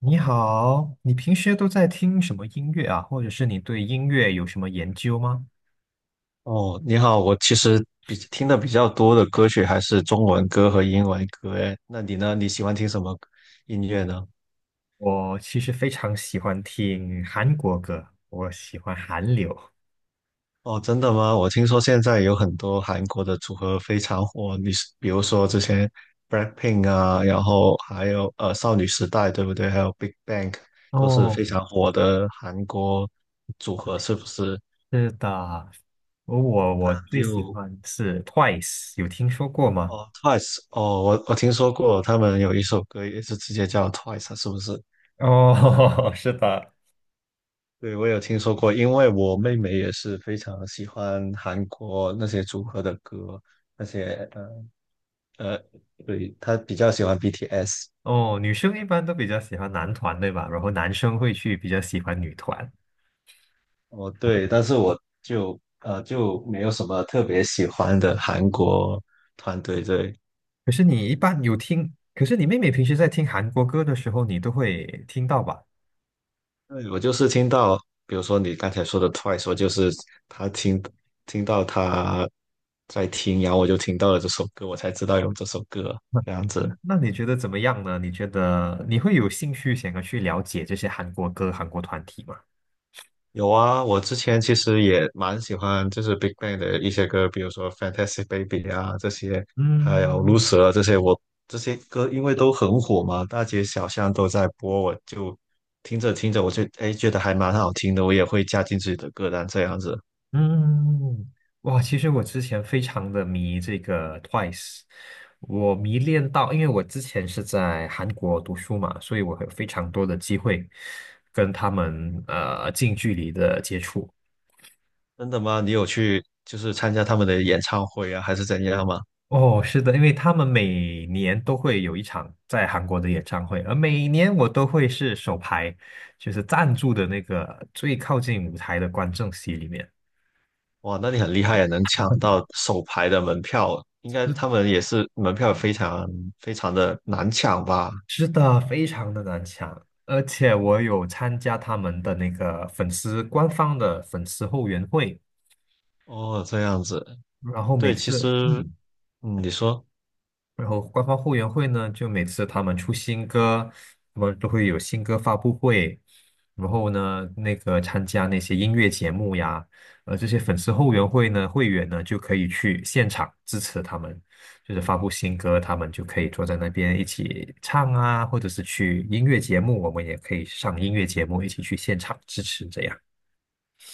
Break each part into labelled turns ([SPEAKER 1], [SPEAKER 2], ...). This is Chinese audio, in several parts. [SPEAKER 1] 你好，你平时都在听什么音乐啊？或者是你对音乐有什么研究吗？
[SPEAKER 2] 哦，你好，我其实比听的比较多的歌曲还是中文歌和英文歌，诶，那你呢？你喜欢听什么音乐呢？
[SPEAKER 1] 我其实非常喜欢听韩国歌，我喜欢韩流。
[SPEAKER 2] 哦，真的吗？我听说现在有很多韩国的组合非常火，你是比如说之前 BLACKPINK 啊，然后还有少女时代，对不对？还有 Big Bang 都是
[SPEAKER 1] 哦，
[SPEAKER 2] 非常火的韩国组合，是不是？
[SPEAKER 1] 是的，我
[SPEAKER 2] 你
[SPEAKER 1] 最喜
[SPEAKER 2] 有
[SPEAKER 1] 欢是 Twice，有听说过吗？
[SPEAKER 2] 哦 Twice 哦，我听说过他们有一首歌也是直接叫 Twice，啊是不是？
[SPEAKER 1] 哦，是的。
[SPEAKER 2] 对，我有听说过，因为我妹妹也是非常喜欢韩国那些组合的歌，那些呃，对，她比较喜欢 BTS。
[SPEAKER 1] 哦，女生一般都比较喜欢男团，对吧？然后男生会去比较喜欢女团。
[SPEAKER 2] 哦，对，但是我就没有什么特别喜欢的韩国团队。对，
[SPEAKER 1] 可是你一般有听，可是你妹妹平时在听韩国歌的时候，你都会听到吧？
[SPEAKER 2] 对，我就是听到，比如说你刚才说的 Twice，我就是他听到他在听，然后我就听到了这首歌，我才知道有这首歌
[SPEAKER 1] 那
[SPEAKER 2] 这样子。
[SPEAKER 1] 那你觉得怎么样呢？你觉得你会有兴趣想要去了解这些韩国歌、韩国团体吗？
[SPEAKER 2] 有啊，我之前其实也蛮喜欢，就是 Big Bang 的一些歌，比如说《Fantastic Baby》啊这些，还有
[SPEAKER 1] 嗯
[SPEAKER 2] 《Loser》啊这些我，这些歌因为都很火嘛，大街小巷都在播，我就听着听着，我就哎觉得还蛮好听的，我也会加进自己的歌单这样子。
[SPEAKER 1] 嗯，哇，其实我之前非常的迷这个 Twice，我迷恋到，因为我之前是在韩国读书嘛，所以我有非常多的机会跟他们近距离的接触。
[SPEAKER 2] 真的吗？你有去就是参加他们的演唱会啊，还是怎样吗？
[SPEAKER 1] 哦，是的，因为他们每年都会有一场在韩国的演唱会，而每年我都会是首排，就是赞助的那个最靠近舞台的观众席里面。
[SPEAKER 2] 哇，那你很厉害啊，能抢到首排的门票，应该
[SPEAKER 1] 是
[SPEAKER 2] 他们也是门票非常非常的难抢吧？
[SPEAKER 1] 是的，非常的难抢，而且我有参加他们的那个粉丝官方的粉丝后援会，
[SPEAKER 2] 哦，这样子。
[SPEAKER 1] 然后每
[SPEAKER 2] 对，其
[SPEAKER 1] 次，
[SPEAKER 2] 实，
[SPEAKER 1] 嗯。
[SPEAKER 2] 嗯，你说，
[SPEAKER 1] 然后官方后援会呢，就每次他们出新歌，他们都会有新歌发布会，然后呢，那个参加那些音乐节目呀，这些粉丝后援会呢，会员呢就可以去现场支持他们，就是发布新歌，他们就可以坐在那边一起唱啊，或者是去音乐节目，我们也可以上音乐节目一起去现场支持这样。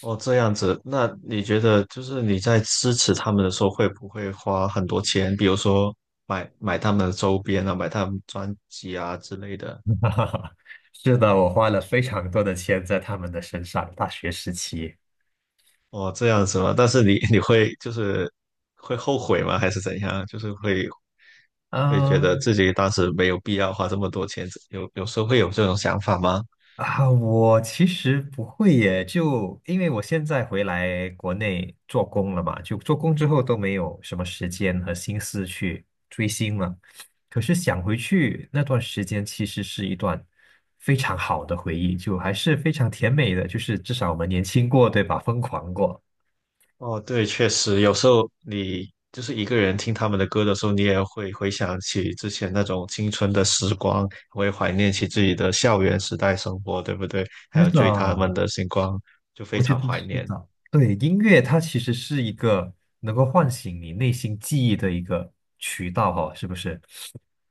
[SPEAKER 2] 哦，这样子，那你觉得就是你在支持他们的时候，会不会花很多钱？比如说买他们的周边啊，买他们专辑啊之类的。
[SPEAKER 1] 是的，我花了非常多的钱在他们的身上，大学时期。
[SPEAKER 2] 哦，这样子吗？但是你 你会就是会后悔吗？还是怎样？就是会觉得
[SPEAKER 1] 嗯。
[SPEAKER 2] 自己当时没有必要花这么多钱，有时候会有这种想法吗？
[SPEAKER 1] 啊，我其实不会耶，就因为我现在回来国内做工了嘛，就做工之后都没有什么时间和心思去追星了。可是想回去那段时间，其实是一段非常好的回忆，就还是非常甜美的，就是至少我们年轻过，对吧？疯狂过。
[SPEAKER 2] 哦，对，确实，有时候你就是一个人听他们的歌的时候，你也会回想起之前那种青春的时光，会怀念起自己的校园时代生活，对不对？还
[SPEAKER 1] 是
[SPEAKER 2] 有
[SPEAKER 1] 的，
[SPEAKER 2] 追他们的星光，就非
[SPEAKER 1] 我觉
[SPEAKER 2] 常
[SPEAKER 1] 得
[SPEAKER 2] 怀
[SPEAKER 1] 是
[SPEAKER 2] 念。
[SPEAKER 1] 的。对，音乐它其实是一个能够唤醒你内心记忆的一个渠道哈，是不是？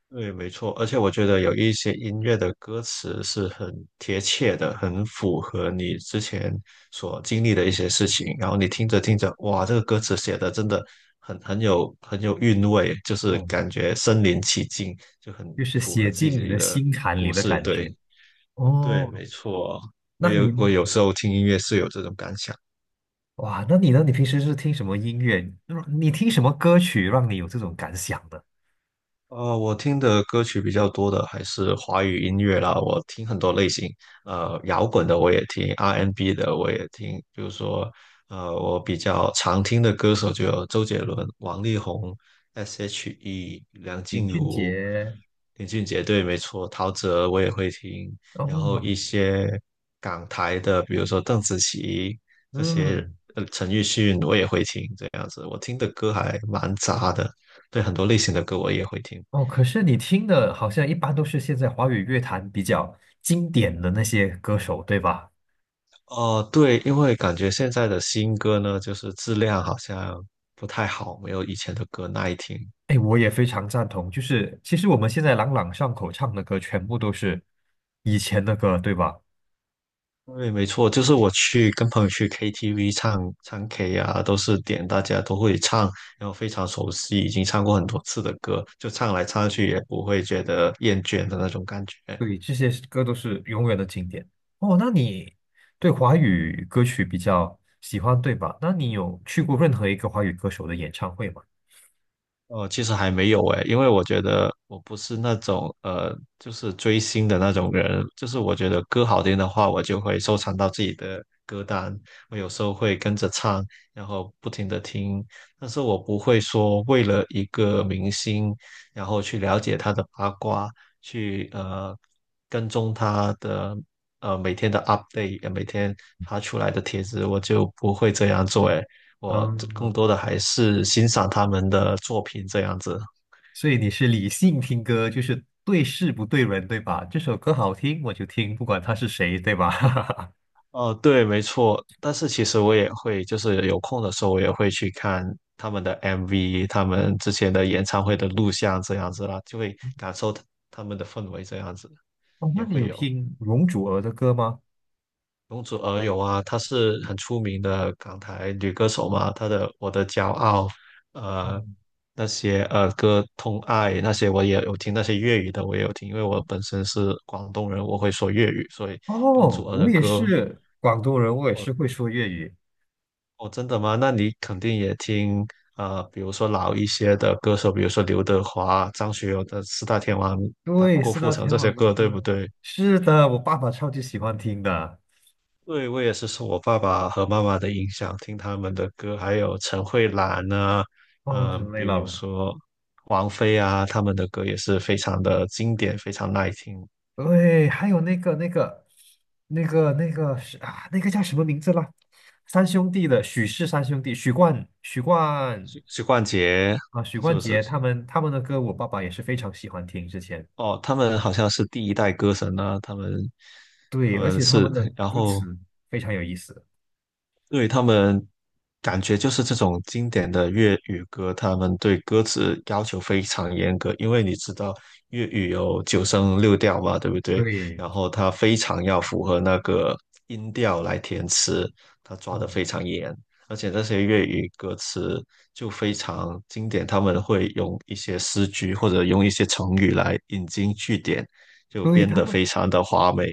[SPEAKER 2] 对，没错，而且我觉得有一些音乐的歌词是很贴切的，很符合你之前所经历的一些事情。然后你听着听着，哇，这个歌词写的真的很有很有韵味，就是
[SPEAKER 1] 嗯。
[SPEAKER 2] 感觉身临其境，就很
[SPEAKER 1] 就是
[SPEAKER 2] 符
[SPEAKER 1] 写
[SPEAKER 2] 合自
[SPEAKER 1] 进你
[SPEAKER 2] 己
[SPEAKER 1] 的
[SPEAKER 2] 的
[SPEAKER 1] 心坎里
[SPEAKER 2] 故
[SPEAKER 1] 的
[SPEAKER 2] 事。
[SPEAKER 1] 感觉。
[SPEAKER 2] 对，对，
[SPEAKER 1] 哦，
[SPEAKER 2] 没错，
[SPEAKER 1] 那你
[SPEAKER 2] 我有时候听音乐是有这种感想。
[SPEAKER 1] 哇，那你呢？你平时是听什么音乐？你听什么歌曲让你有这种感想的？
[SPEAKER 2] 我听的歌曲比较多的还是华语音乐啦，我听很多类型，摇滚的我也听，R&B n 的我也听，比如说，我比较常听的歌手就有周杰伦、王力宏、S.H.E、梁
[SPEAKER 1] 林
[SPEAKER 2] 静
[SPEAKER 1] 俊
[SPEAKER 2] 茹、
[SPEAKER 1] 杰。
[SPEAKER 2] 林俊杰，对，没错，陶喆我也会听，然后
[SPEAKER 1] 哦，
[SPEAKER 2] 一些港台的，比如说邓紫棋这些，
[SPEAKER 1] 嗯，
[SPEAKER 2] 陈奕迅我也会听，这样子，我听的歌还蛮杂的，对，很多类型的歌我也会听。
[SPEAKER 1] 哦，可是你听的好像一般都是现在华语乐坛比较经典的那些歌手，对吧？
[SPEAKER 2] 哦，对，因为感觉现在的新歌呢，就是质量好像不太好，没有以前的歌耐听。
[SPEAKER 1] 哎，我也非常赞同。就是其实我们现在朗朗上口唱的歌，全部都是以前的歌，对吧？
[SPEAKER 2] 对，没错，就是我去跟朋友去 KTV 唱唱 K 啊，都是点大家都会唱，然后非常熟悉，已经唱过很多次的歌，就唱来唱去也不会觉得厌倦的那种感觉。
[SPEAKER 1] 对，这些歌都是永远的经典。哦，那你对华语歌曲比较喜欢，对吧？那你有去过任何一个华语歌手的演唱会吗？
[SPEAKER 2] 哦，其实还没有诶，因为我觉得我不是那种就是追星的那种人。就是我觉得歌好听的话，我就会收藏到自己的歌单，我有时候会跟着唱，然后不停的听。但是我不会说为了一个明星，然后去了解他的八卦，去跟踪他的每天的 update，每天发出来的帖子，我就不会这样做诶。我更
[SPEAKER 1] 嗯，
[SPEAKER 2] 多的还是欣赏他们的作品这样子。
[SPEAKER 1] 所以你是理性听歌，就是对事不对人，对吧？这首歌好听我就听，不管他是谁，对吧？
[SPEAKER 2] 哦，对，没错。但是其实我也会，就是有空的时候，我也会去看他们的 MV，他们之前的演唱会的录像这样子啦，就会感受他们的氛围这样子，
[SPEAKER 1] 哦，
[SPEAKER 2] 也
[SPEAKER 1] 那你
[SPEAKER 2] 会
[SPEAKER 1] 有
[SPEAKER 2] 有。
[SPEAKER 1] 听容祖儿的歌吗？
[SPEAKER 2] 容祖儿有啊，她是很出名的港台女歌手嘛，她的《我的骄傲》，呃，
[SPEAKER 1] 嗯，
[SPEAKER 2] 那些歌《痛爱》那些我也有听，那些粤语的我也有听，因为我本身是广东人，我会说粤语，所以容祖
[SPEAKER 1] 哦，
[SPEAKER 2] 儿
[SPEAKER 1] 我
[SPEAKER 2] 的
[SPEAKER 1] 也
[SPEAKER 2] 歌，
[SPEAKER 1] 是广东人，我也是会说粤语。
[SPEAKER 2] 哦，真的吗？那你肯定也听，比如说老一些的歌手，比如说刘德华、张学友的四大天王、他
[SPEAKER 1] 对，
[SPEAKER 2] 郭
[SPEAKER 1] 四
[SPEAKER 2] 富
[SPEAKER 1] 大
[SPEAKER 2] 城
[SPEAKER 1] 天
[SPEAKER 2] 这些
[SPEAKER 1] 王的
[SPEAKER 2] 歌，对不
[SPEAKER 1] 歌，
[SPEAKER 2] 对？
[SPEAKER 1] 是的，我爸爸超级喜欢听的。
[SPEAKER 2] 对，我也是受我爸爸和妈妈的影响，听他们的歌，还有陈慧兰啊，
[SPEAKER 1] 哦，太
[SPEAKER 2] 嗯、
[SPEAKER 1] 累
[SPEAKER 2] 比如
[SPEAKER 1] 了，
[SPEAKER 2] 说王菲啊，他们的歌也是非常的经典，非常耐听。
[SPEAKER 1] 对，还有那个是啊，那个叫什么名字了？三兄弟的许氏三兄弟，
[SPEAKER 2] 许冠杰
[SPEAKER 1] 许
[SPEAKER 2] 是
[SPEAKER 1] 冠
[SPEAKER 2] 不是？
[SPEAKER 1] 杰他们的歌，我爸爸也是非常喜欢听。之前
[SPEAKER 2] 哦，他们好像是第一代歌神啊，他们他
[SPEAKER 1] 对，而
[SPEAKER 2] 们
[SPEAKER 1] 且他
[SPEAKER 2] 是，
[SPEAKER 1] 们的
[SPEAKER 2] 然
[SPEAKER 1] 歌
[SPEAKER 2] 后
[SPEAKER 1] 词非常有意思。
[SPEAKER 2] 对他们感觉就是这种经典的粤语歌，他们对歌词要求非常严格，因为你知道粤语有九声六调嘛，对不对？
[SPEAKER 1] 对，
[SPEAKER 2] 然后他非常要符合那个音调来填词，他抓得
[SPEAKER 1] 嗯，
[SPEAKER 2] 非常严，而且这些粤语歌词就非常经典，他们会用一些诗句或者用一些成语来引经据典，就
[SPEAKER 1] 对
[SPEAKER 2] 编
[SPEAKER 1] 他
[SPEAKER 2] 得
[SPEAKER 1] 们。
[SPEAKER 2] 非常的华美。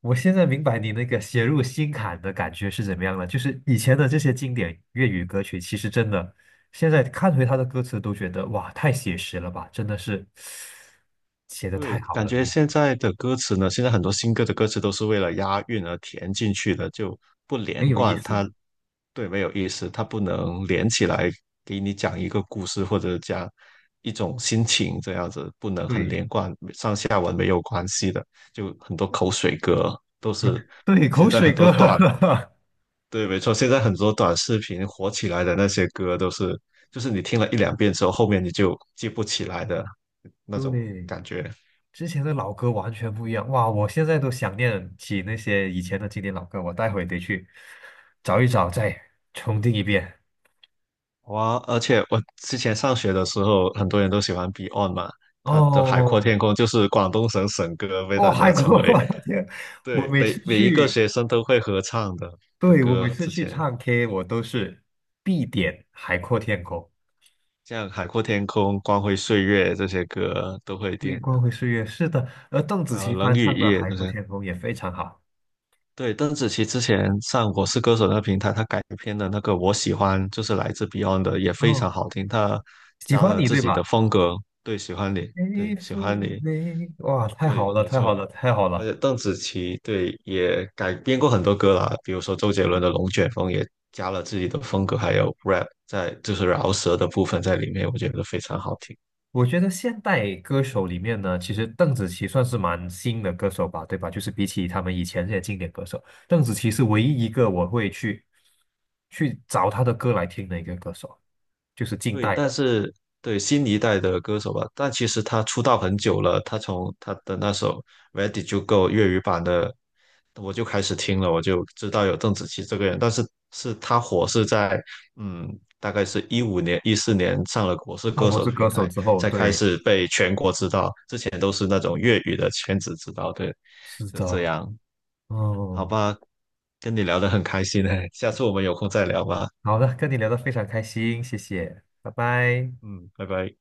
[SPEAKER 1] 我现在明白你那个写入心坎的感觉是怎么样了。就是以前的这些经典粤语歌曲，其实真的，现在看回它的歌词都觉得哇，太写实了吧，真的是写的太
[SPEAKER 2] 对，
[SPEAKER 1] 好
[SPEAKER 2] 感
[SPEAKER 1] 了，
[SPEAKER 2] 觉
[SPEAKER 1] 你
[SPEAKER 2] 现在的歌词呢，现在很多新歌的歌词都是为了押韵而填进去的，就不连
[SPEAKER 1] 没有意
[SPEAKER 2] 贯，
[SPEAKER 1] 思。
[SPEAKER 2] 它对没有意思，它不能连起来给你讲一个故事或者讲一种心情这样子，不能很
[SPEAKER 1] 对
[SPEAKER 2] 连贯，上下文没有关系的，就很多口水歌都是
[SPEAKER 1] 对，
[SPEAKER 2] 现
[SPEAKER 1] 口
[SPEAKER 2] 在很
[SPEAKER 1] 水
[SPEAKER 2] 多
[SPEAKER 1] 歌，
[SPEAKER 2] 短，对，没错，现在很多短视频火起来的那些歌都是，就是你听了一两遍之后，后面你就记不起来的那种
[SPEAKER 1] 对，
[SPEAKER 2] 感觉。
[SPEAKER 1] 之前的老歌完全不一样。哇，我现在都想念起那些以前的经典老歌，我待会得去找一找，再重听一遍。
[SPEAKER 2] 哇，而且我之前上学的时候，很多人都喜欢 Beyond 嘛，他的《海阔
[SPEAKER 1] 哦，
[SPEAKER 2] 天空》就是广东省省歌，被
[SPEAKER 1] 哦，
[SPEAKER 2] 大家
[SPEAKER 1] 韩
[SPEAKER 2] 称
[SPEAKER 1] 国，
[SPEAKER 2] 为，
[SPEAKER 1] 我的天！我
[SPEAKER 2] 对，
[SPEAKER 1] 每次
[SPEAKER 2] 每一个
[SPEAKER 1] 去。
[SPEAKER 2] 学生都会合唱的
[SPEAKER 1] 对，我每
[SPEAKER 2] 歌。
[SPEAKER 1] 次
[SPEAKER 2] 之
[SPEAKER 1] 去
[SPEAKER 2] 前
[SPEAKER 1] 唱 K，我都是必点《海阔天空》，
[SPEAKER 2] 像《海阔天空》《光辉岁月》这些歌都会
[SPEAKER 1] 微
[SPEAKER 2] 点，
[SPEAKER 1] 光会岁月。是的，而邓紫
[SPEAKER 2] 还有
[SPEAKER 1] 棋
[SPEAKER 2] 《冷
[SPEAKER 1] 翻
[SPEAKER 2] 雨
[SPEAKER 1] 唱的
[SPEAKER 2] 夜》
[SPEAKER 1] 《海
[SPEAKER 2] 这
[SPEAKER 1] 阔
[SPEAKER 2] 些。
[SPEAKER 1] 天空》也非常好。
[SPEAKER 2] 对，邓紫棋之前上《我是歌手》那个平台，她改编的那个《我喜欢》就是来自 Beyond 的，也非常
[SPEAKER 1] 哦，
[SPEAKER 2] 好听，她
[SPEAKER 1] 喜
[SPEAKER 2] 加
[SPEAKER 1] 欢
[SPEAKER 2] 了
[SPEAKER 1] 你
[SPEAKER 2] 自
[SPEAKER 1] 对
[SPEAKER 2] 己的
[SPEAKER 1] 吧？
[SPEAKER 2] 风格。对，喜欢你，对，
[SPEAKER 1] 微
[SPEAKER 2] 喜欢
[SPEAKER 1] 风
[SPEAKER 2] 你，
[SPEAKER 1] 微哇，太好
[SPEAKER 2] 对，
[SPEAKER 1] 了，
[SPEAKER 2] 没
[SPEAKER 1] 太好
[SPEAKER 2] 错。
[SPEAKER 1] 了，太好
[SPEAKER 2] 而
[SPEAKER 1] 了！
[SPEAKER 2] 且邓紫棋对也改编过很多歌啦，比如说周杰伦的《龙卷风》也加了自己的风格，还有 rap 在就是饶舌的部分在里面，我觉得非
[SPEAKER 1] 对
[SPEAKER 2] 常好听。
[SPEAKER 1] 我觉得现代歌手里面呢，其实邓紫棋算是蛮新的歌手吧，对吧？就是比起他们以前这些经典歌手，邓紫棋是唯一一个我会去找她的歌来听的一个歌手，就是近
[SPEAKER 2] 对，
[SPEAKER 1] 代
[SPEAKER 2] 但
[SPEAKER 1] 的。
[SPEAKER 2] 是对新一代的歌手吧，但其实他出道很久了，他从他的那首《Where Did You Go》粤语版的，我就开始听了，我就知道有邓紫棋这个人，但是是他火是在嗯，大概是2015年、2014年上了《我是
[SPEAKER 1] 鲍
[SPEAKER 2] 歌
[SPEAKER 1] 勃
[SPEAKER 2] 手》
[SPEAKER 1] 是
[SPEAKER 2] 的
[SPEAKER 1] 歌
[SPEAKER 2] 平
[SPEAKER 1] 手
[SPEAKER 2] 台，
[SPEAKER 1] 之后，
[SPEAKER 2] 才开
[SPEAKER 1] 对。
[SPEAKER 2] 始被全国知道，之前都是那种粤语的圈子知道，对，
[SPEAKER 1] 是
[SPEAKER 2] 就这
[SPEAKER 1] 的，
[SPEAKER 2] 样，好
[SPEAKER 1] 嗯，
[SPEAKER 2] 吧，跟你聊得很开心诶，下次我们有空再聊吧，
[SPEAKER 1] 好的，跟你聊的非常开心，谢谢，拜拜。
[SPEAKER 2] 嗯，拜拜。